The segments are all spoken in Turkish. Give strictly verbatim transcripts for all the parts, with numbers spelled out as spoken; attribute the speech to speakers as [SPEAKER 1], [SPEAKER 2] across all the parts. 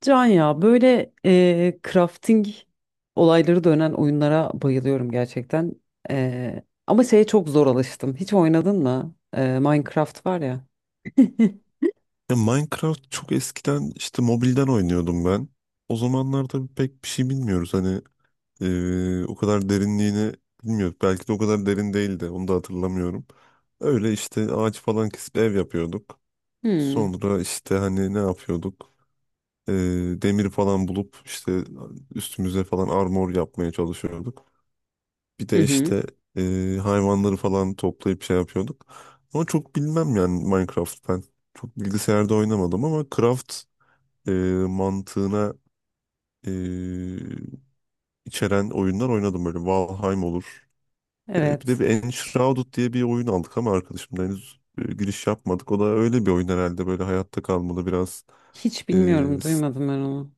[SPEAKER 1] Can ya böyle eee, crafting olayları dönen oyunlara bayılıyorum gerçekten. Eee, ama şeye çok zor alıştım. Hiç oynadın mı? Eee, Minecraft var ya.
[SPEAKER 2] Ya Minecraft çok eskiden işte mobilden oynuyordum ben. O zamanlar tabii pek bir şey bilmiyoruz. Hani eee, o kadar derinliğini bilmiyoruz. Belki de o kadar derin değildi. Onu da hatırlamıyorum. Öyle işte ağaç falan kesip ev yapıyorduk.
[SPEAKER 1] Hmm.
[SPEAKER 2] Sonra işte hani ne yapıyorduk? Eee, demir falan bulup işte üstümüze falan armor yapmaya çalışıyorduk. Bir
[SPEAKER 1] Hı
[SPEAKER 2] de
[SPEAKER 1] hı.
[SPEAKER 2] işte eee, hayvanları falan toplayıp şey yapıyorduk. Ama çok bilmem yani Minecraft ben. Çok bilgisayarda oynamadım ama Craft e, mantığına e, içeren oyunlar oynadım böyle. Valheim olur. E, bir de
[SPEAKER 1] Evet.
[SPEAKER 2] bir Enshrouded diye bir oyun aldık ama arkadaşımla henüz e, giriş yapmadık. O da öyle bir oyun herhalde, böyle hayatta kalmalı biraz.
[SPEAKER 1] Hiç
[SPEAKER 2] E,
[SPEAKER 1] bilmiyorum,
[SPEAKER 2] s-
[SPEAKER 1] duymadım ben onu.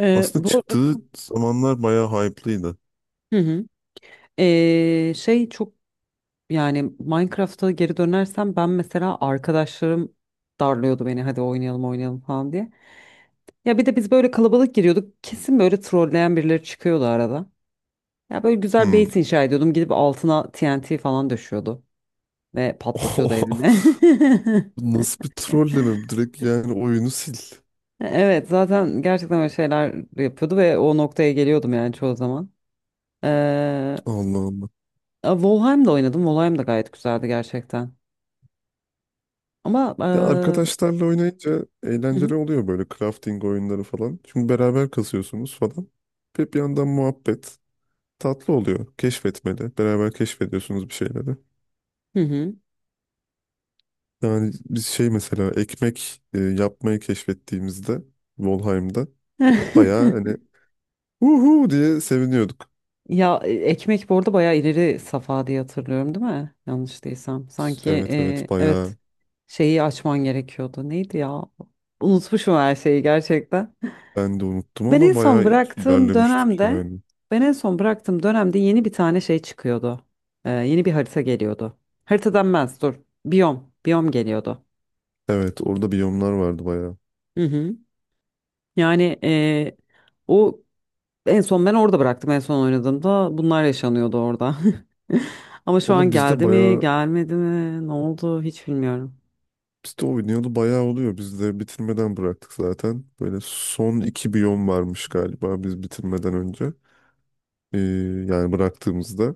[SPEAKER 1] Eee,
[SPEAKER 2] Aslında
[SPEAKER 1] bu arada...
[SPEAKER 2] çıktığı zamanlar bayağı hype'lıydı.
[SPEAKER 1] Hı hı. Ee, şey çok, yani Minecraft'a geri dönersem ben mesela arkadaşlarım darlıyordu beni hadi oynayalım oynayalım falan diye. Ya bir de biz böyle kalabalık giriyorduk, kesin böyle trolleyen birileri çıkıyordu arada. Ya böyle güzel
[SPEAKER 2] Hmm.
[SPEAKER 1] base inşa ediyordum, gidip altına T N T falan düşüyordu ve patlatıyordu evime.
[SPEAKER 2] Nasıl bir trolleme? Direkt yani oyunu sil.
[SPEAKER 1] Evet, zaten gerçekten öyle şeyler yapıyordu ve o noktaya geliyordum yani çoğu zaman. Ee,
[SPEAKER 2] Allah Allah.
[SPEAKER 1] Valheim'da oynadım, Valheim da gayet güzeldi gerçekten. Ama
[SPEAKER 2] Ya
[SPEAKER 1] ee,
[SPEAKER 2] arkadaşlarla oynayınca
[SPEAKER 1] hı hı.
[SPEAKER 2] eğlenceli oluyor böyle crafting oyunları falan. Çünkü beraber kasıyorsunuz falan. Ve bir yandan muhabbet tatlı oluyor. Keşfetmeli. Beraber keşfediyorsunuz bir şeyleri.
[SPEAKER 1] Hı hı.
[SPEAKER 2] Yani biz şey mesela ekmek e, yapmayı keşfettiğimizde Volheim'da bayağı hani uhu diye seviniyorduk.
[SPEAKER 1] Ya e, ekmek bu arada bayağı ileri safa diye hatırlıyorum değil mi? Yanlış değilsem. Sanki
[SPEAKER 2] Evet evet,
[SPEAKER 1] e,
[SPEAKER 2] bayağı.
[SPEAKER 1] evet, şeyi açman gerekiyordu. Neydi ya? Unutmuşum her şeyi gerçekten.
[SPEAKER 2] Ben de unuttum
[SPEAKER 1] Ben en
[SPEAKER 2] ama
[SPEAKER 1] son
[SPEAKER 2] bayağı
[SPEAKER 1] bıraktığım
[SPEAKER 2] ilerlemiştik
[SPEAKER 1] dönemde
[SPEAKER 2] yani.
[SPEAKER 1] Ben en son bıraktığım dönemde yeni bir tane şey çıkıyordu. E, yeni bir harita geliyordu. Harita denmez, dur. Biyom. Biyom geliyordu.
[SPEAKER 2] Evet, orada biyomlar vardı bayağı.
[SPEAKER 1] Hı hı. Yani eee, o en son ben orada bıraktım. En son oynadığımda bunlar yaşanıyordu orada. Ama şu an
[SPEAKER 2] Valla bizde
[SPEAKER 1] geldi mi,
[SPEAKER 2] bayağı.
[SPEAKER 1] gelmedi mi, ne oldu, hiç bilmiyorum.
[SPEAKER 2] Biz de oynayalı bayağı oluyor. Biz de bitirmeden bıraktık zaten. Böyle son iki biyom varmış galiba biz bitirmeden önce. Ee, Yani bıraktığımızda.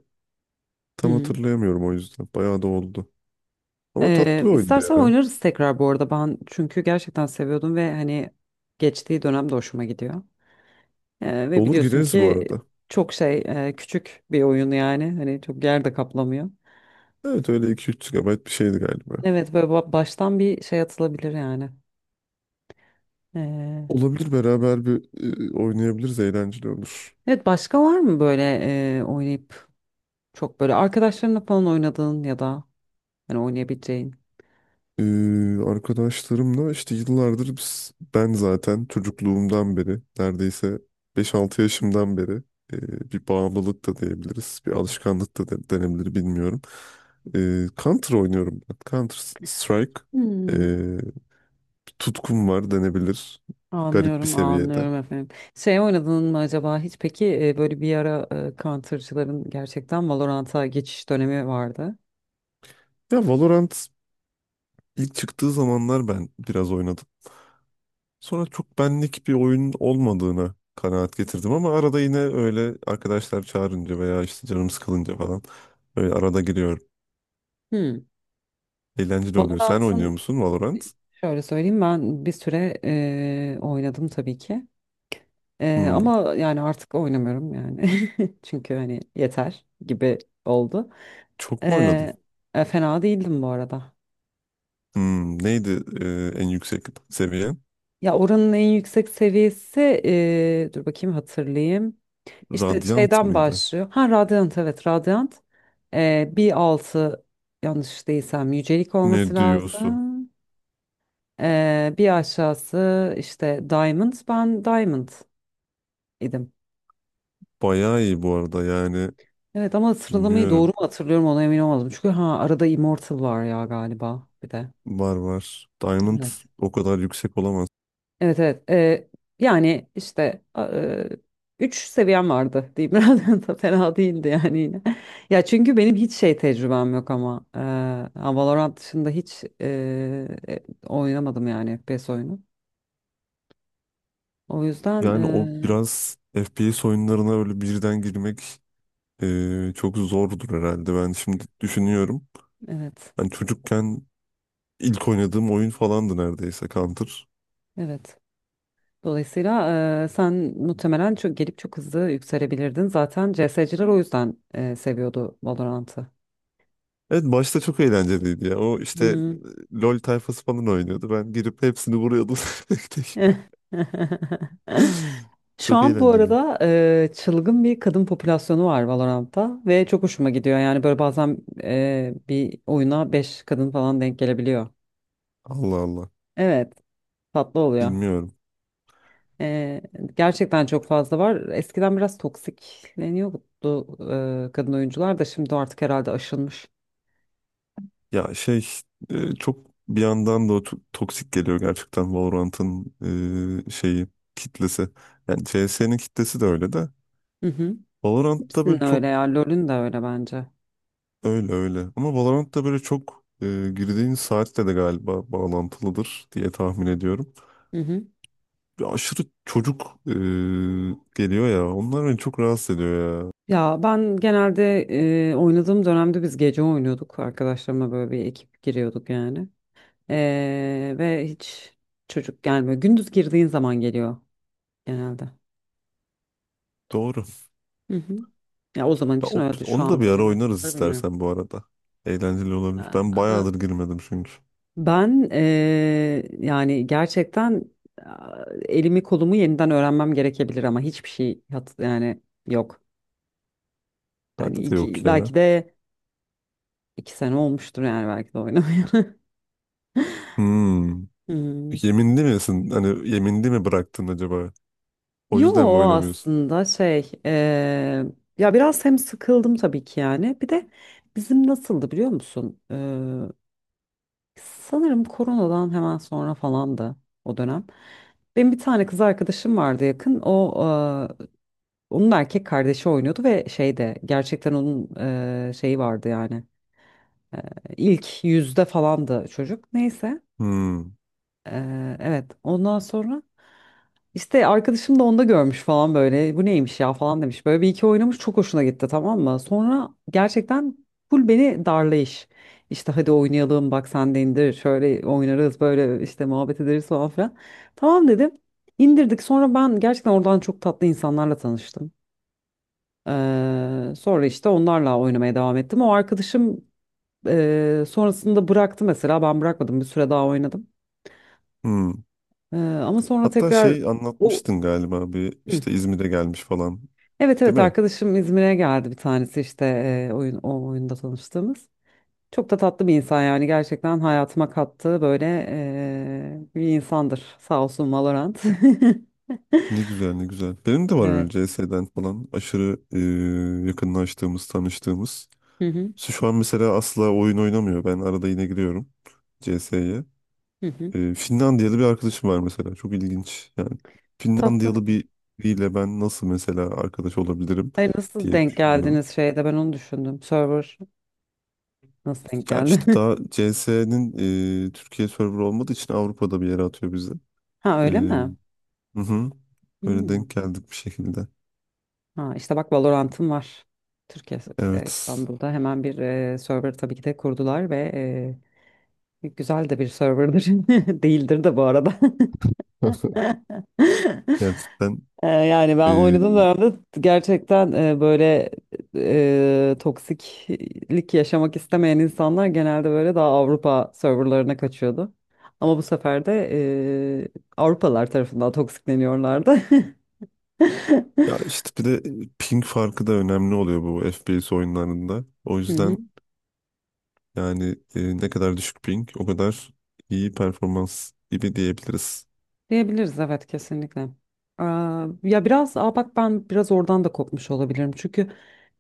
[SPEAKER 1] Hı
[SPEAKER 2] Tam
[SPEAKER 1] hı.
[SPEAKER 2] hatırlayamıyorum o yüzden. Bayağı da oldu. Ama
[SPEAKER 1] Eee
[SPEAKER 2] tatlı bir oyundu
[SPEAKER 1] istersen
[SPEAKER 2] ya.
[SPEAKER 1] oynarız tekrar bu arada. Ben çünkü gerçekten seviyordum ve hani geçtiği dönemde hoşuma gidiyor. Eee, ve
[SPEAKER 2] Olur,
[SPEAKER 1] biliyorsun
[SPEAKER 2] gireriz bu
[SPEAKER 1] ki
[SPEAKER 2] arada.
[SPEAKER 1] çok şey, eee, küçük bir oyun yani. Hani çok yer de kaplamıyor.
[SPEAKER 2] Evet öyle iki üç 3 GB bir şeydi galiba.
[SPEAKER 1] Evet, böyle ba- baştan bir şey atılabilir yani. Eee,
[SPEAKER 2] Olabilir, beraber bir e, oynayabiliriz. Eğlenceli olur.
[SPEAKER 1] evet, başka var mı böyle eee oynayıp çok böyle arkadaşlarınla falan oynadığın ya da hani oynayabileceğin.
[SPEAKER 2] Ee, arkadaşlarımla işte yıllardır biz- ben zaten çocukluğumdan beri neredeyse beş altı yaşımdan beri e, bir bağımlılık da diyebiliriz. Bir alışkanlık da de- denebilir, bilmiyorum. Ee, Counter oynuyorum ben. Counter Strike.
[SPEAKER 1] Hmm.
[SPEAKER 2] Ee, Bir tutkum var denebilir. Garip bir
[SPEAKER 1] Anlıyorum,
[SPEAKER 2] seviyede.
[SPEAKER 1] anlıyorum efendim. Şey oynadın mı acaba hiç peki, e, böyle bir ara, e, Counter'cıların gerçekten Valorant'a geçiş dönemi vardı.
[SPEAKER 2] Ya Valorant ilk çıktığı zamanlar ben biraz oynadım. Sonra çok benlik bir oyun olmadığını kanaat getirdim ama arada yine öyle arkadaşlar çağırınca veya işte canım sıkılınca falan öyle arada giriyorum.
[SPEAKER 1] Hmm.
[SPEAKER 2] Eğlenceli oluyor. Sen oynuyor
[SPEAKER 1] Valorant'ın,
[SPEAKER 2] musun Valorant?
[SPEAKER 1] şöyle söyleyeyim, ben bir süre e, oynadım tabii ki. Ee,
[SPEAKER 2] Hmm,
[SPEAKER 1] ama yani artık oynamıyorum yani. Çünkü hani yeter gibi oldu.
[SPEAKER 2] çok mu oynadın?
[SPEAKER 1] Ee, e, Fena değildim bu arada.
[SPEAKER 2] Hmm, neydi e, en yüksek seviyen?
[SPEAKER 1] Ya, oranın en yüksek seviyesi, ee, dur bakayım hatırlayayım. İşte
[SPEAKER 2] Radiant
[SPEAKER 1] şeyden
[SPEAKER 2] mıydı?
[SPEAKER 1] başlıyor. Ha, Radiant, evet Radiant. Ee, bir altı, yanlış değilsem, yücelik olması
[SPEAKER 2] Ne diyorsun?
[SPEAKER 1] lazım. Ee, bir aşağısı işte Diamond. Ben Diamond idim.
[SPEAKER 2] Bayağı iyi bu arada yani,
[SPEAKER 1] Evet ama sıralamayı doğru
[SPEAKER 2] bilmiyorum.
[SPEAKER 1] mu hatırlıyorum ona emin olmadım. Çünkü ha, arada Immortal var ya galiba bir de.
[SPEAKER 2] Var var. Diamond
[SPEAKER 1] Evet.
[SPEAKER 2] o kadar yüksek olamaz.
[SPEAKER 1] Evet evet. Ee, yani işte, e, üç seviyem vardı diyeyim. Biraz da fena değildi yani yine. Ya çünkü benim hiç şey tecrübem yok ama. Ee, ha, Valorant dışında hiç e, e, oynamadım yani F P S oyunu. O yüzden, e,
[SPEAKER 2] Yani o biraz F P S oyunlarına öyle birden girmek, Ee, çok zordur herhalde. Ben şimdi düşünüyorum.
[SPEAKER 1] evet.
[SPEAKER 2] Ben çocukken ilk oynadığım oyun falandı neredeyse Counter.
[SPEAKER 1] Evet. Dolayısıyla eee, sen muhtemelen çok gelip çok hızlı yükselebilirdin. Zaten C S'ciler o yüzden eee, seviyordu Valorant'ı.
[SPEAKER 2] Evet, başta çok eğlenceliydi ya. O işte
[SPEAKER 1] Hmm.
[SPEAKER 2] e, LoL tayfası falan oynuyordu. Ben girip hepsini vuruyordum tek tek.
[SPEAKER 1] Şu
[SPEAKER 2] Çok
[SPEAKER 1] an bu
[SPEAKER 2] eğlenceliydi.
[SPEAKER 1] arada eee, çılgın bir kadın popülasyonu var Valorant'ta ve çok hoşuma gidiyor. Yani böyle bazen eee, bir oyuna beş kadın falan denk gelebiliyor.
[SPEAKER 2] Allah Allah.
[SPEAKER 1] Evet, tatlı oluyor.
[SPEAKER 2] Bilmiyorum.
[SPEAKER 1] Eee, Gerçekten çok fazla var. Eskiden biraz toksikleniyordu, eee, kadın oyuncular da şimdi artık herhalde aşılmış.
[SPEAKER 2] Ya şey e, Çok bir yandan da o to- toksik geliyor gerçekten Valorant'ın e, şeyi, kitlesi. Yani C S'nin kitlesi de öyle de.
[SPEAKER 1] Hı hı.
[SPEAKER 2] Valorant'ta böyle
[SPEAKER 1] Hepsinin öyle
[SPEAKER 2] çok
[SPEAKER 1] ya. LoL'ün de öyle bence.
[SPEAKER 2] öyle öyle. Ama Valorant da böyle çok e, girdiğin saatle de galiba bağlantılıdır diye tahmin ediyorum.
[SPEAKER 1] Hı hı.
[SPEAKER 2] Bir aşırı çocuk e, geliyor ya. Onlar beni çok rahatsız ediyor ya.
[SPEAKER 1] Ya ben genelde, e, oynadığım dönemde biz gece oynuyorduk. Arkadaşlarımla böyle bir ekip giriyorduk yani. E, ve hiç çocuk gelmiyor. Gündüz girdiğin zaman geliyor genelde.
[SPEAKER 2] Doğru.
[SPEAKER 1] Hı hı. Ya, o zaman
[SPEAKER 2] Ya,
[SPEAKER 1] için
[SPEAKER 2] o-
[SPEAKER 1] öyle. Şu
[SPEAKER 2] onu
[SPEAKER 1] an
[SPEAKER 2] da bir ara
[SPEAKER 1] tabii
[SPEAKER 2] oynarız
[SPEAKER 1] nasıldır bilmiyorum.
[SPEAKER 2] istersen bu arada. Eğlenceli olabilir. Ben bayağıdır girmedim çünkü.
[SPEAKER 1] Ben, eee, yani gerçekten, aa, elimi kolumu yeniden öğrenmem gerekebilir ama hiçbir şey hat yani yok. Hani
[SPEAKER 2] Bende de yok
[SPEAKER 1] iki,
[SPEAKER 2] ya.
[SPEAKER 1] belki de iki sene olmuştur yani, belki de oynamıyorum.
[SPEAKER 2] Hmm.
[SPEAKER 1] Hmm.
[SPEAKER 2] Yeminli misin? Hani yeminli mi bıraktın acaba? O
[SPEAKER 1] Yo,
[SPEAKER 2] yüzden mi oynamıyorsun?
[SPEAKER 1] aslında şey eee, ya biraz hem sıkıldım tabii ki yani, bir de bizim nasıldı biliyor musun? Eee, sanırım koronadan hemen sonra falandı o dönem. Benim bir tane kız arkadaşım vardı, yakın o. Onun erkek kardeşi oynuyordu ve şeyde gerçekten onun e, şeyi vardı yani. E, ilk yüzde falandı çocuk. Neyse.
[SPEAKER 2] Hmm.
[SPEAKER 1] E, evet. Ondan sonra işte arkadaşım da onda görmüş falan böyle. Bu neymiş ya falan demiş. Böyle bir iki oynamış, çok hoşuna gitti, tamam mı? Sonra gerçekten full beni darlayış. İşte hadi oynayalım, bak sen de indir. Şöyle oynarız, böyle işte muhabbet ederiz falan filan. Tamam dedim. İndirdik. Sonra ben gerçekten oradan çok tatlı insanlarla tanıştım. Eee, sonra işte onlarla oynamaya devam ettim. O arkadaşım eee, sonrasında bıraktı mesela. Ben bırakmadım. Bir süre daha oynadım.
[SPEAKER 2] Hmm.
[SPEAKER 1] Eee, ama sonra
[SPEAKER 2] Hatta
[SPEAKER 1] tekrar
[SPEAKER 2] şey
[SPEAKER 1] o...
[SPEAKER 2] anlatmıştın galiba, bir
[SPEAKER 1] Hı.
[SPEAKER 2] işte İzmir'e gelmiş falan.
[SPEAKER 1] Evet
[SPEAKER 2] Değil
[SPEAKER 1] evet,
[SPEAKER 2] mi?
[SPEAKER 1] arkadaşım İzmir'e geldi bir tanesi işte, eee, oyun o oyunda tanıştığımız. Çok da tatlı bir insan yani gerçekten, hayatıma kattığı böyle eee, bir insandır. Sağ olsun Valorant.
[SPEAKER 2] Ne güzel, ne güzel. Benim de var öyle
[SPEAKER 1] Evet.
[SPEAKER 2] C S'den falan aşırı e, yakınlaştığımız, tanıştığımız.
[SPEAKER 1] Hı hı.
[SPEAKER 2] Şu an mesela asla oyun oynamıyor. Ben arada yine giriyorum C S'ye.
[SPEAKER 1] Hı hı.
[SPEAKER 2] E, Finlandiyalı bir arkadaşım var mesela. Çok ilginç. Yani
[SPEAKER 1] Tatlı.
[SPEAKER 2] Finlandiyalı bir- biriyle ben nasıl mesela arkadaş olabilirim
[SPEAKER 1] Hayır, nasıl
[SPEAKER 2] diye
[SPEAKER 1] denk
[SPEAKER 2] düşünüyorum.
[SPEAKER 1] geldiniz, şeyde ben onu düşündüm. Server nasıl denk
[SPEAKER 2] Ya
[SPEAKER 1] geldi?
[SPEAKER 2] işte daha C S'nin Türkiye server olmadığı için Avrupa'da bir yere atıyor bizi.
[SPEAKER 1] Ha,
[SPEAKER 2] E,
[SPEAKER 1] öyle mi?
[SPEAKER 2] hı hı. Böyle denk
[SPEAKER 1] Hmm.
[SPEAKER 2] geldik bir şekilde.
[SPEAKER 1] Ha, işte bak, Valorant'ım var. Türkiye'de,
[SPEAKER 2] Evet.
[SPEAKER 1] İstanbul'da hemen bir e, server tabii ki de kurdular ve e, güzel de bir serverdir. Değildir de bu arada.
[SPEAKER 2] Gerçekten.
[SPEAKER 1] E, yani ben
[SPEAKER 2] Ee,
[SPEAKER 1] oynadığım dönemde gerçekten, e, böyle, e, toksiklik yaşamak istemeyen insanlar genelde böyle daha Avrupa serverlarına kaçıyordu. Ama bu sefer de e, Avrupalılar tarafından toksikleniyorlardı.
[SPEAKER 2] ya işte bir de ping farkı da önemli oluyor bu F P S oyunlarında. O
[SPEAKER 1] Hı hı.
[SPEAKER 2] yüzden yani e, ne kadar düşük ping, o kadar iyi performans gibi diyebiliriz.
[SPEAKER 1] Diyebiliriz, evet, kesinlikle. Aa, ya biraz aa bak, ben biraz oradan da kopmuş olabilirim. Çünkü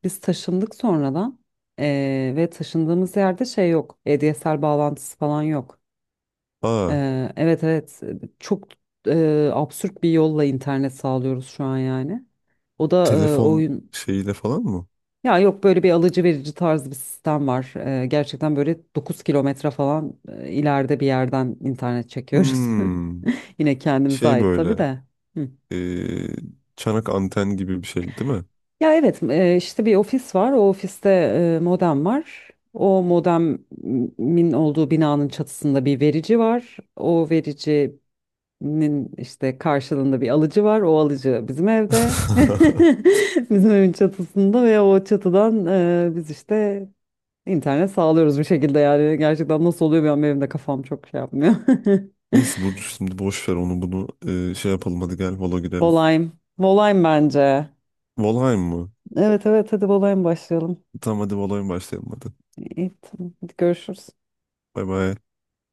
[SPEAKER 1] biz taşındık sonradan, ee, ve taşındığımız yerde şey yok. A D S L bağlantısı falan yok.
[SPEAKER 2] Aa,
[SPEAKER 1] Ee, evet evet, çok e, absürt bir yolla internet sağlıyoruz şu an yani. O da, e,
[SPEAKER 2] telefon
[SPEAKER 1] oyun
[SPEAKER 2] şeyiyle falan mı?
[SPEAKER 1] ya, yok böyle bir alıcı verici tarzı bir sistem var. Ee, gerçekten böyle dokuz kilometre falan, e, ileride bir yerden internet çekiyoruz.
[SPEAKER 2] Hmm,
[SPEAKER 1] Yine kendimize
[SPEAKER 2] şey
[SPEAKER 1] ait tabii
[SPEAKER 2] böyle
[SPEAKER 1] de. Hı.
[SPEAKER 2] e, çanak anten gibi bir şey değil mi?
[SPEAKER 1] Ya evet, e, işte bir ofis var. O ofiste e, modem var. O modemin olduğu binanın çatısında bir verici var. O vericinin işte karşılığında bir alıcı var. O alıcı bizim evde. Bizim evin çatısında ve o çatıdan e, biz işte internet sağlıyoruz bir şekilde yani. Gerçekten nasıl oluyor, benim, benim de kafam çok şey yapmıyor.
[SPEAKER 2] Neyse Burcu, şimdi boş ver onu bunu, e, şey yapalım, hadi gel Valo girelim.
[SPEAKER 1] Volayım. Volayım bence.
[SPEAKER 2] Valheim mı?
[SPEAKER 1] Evet evet, hadi volayım başlayalım.
[SPEAKER 2] Tamam hadi Valheim başlayalım hadi.
[SPEAKER 1] İyi, tamam. Hadi görüşürüz.
[SPEAKER 2] Bay bay.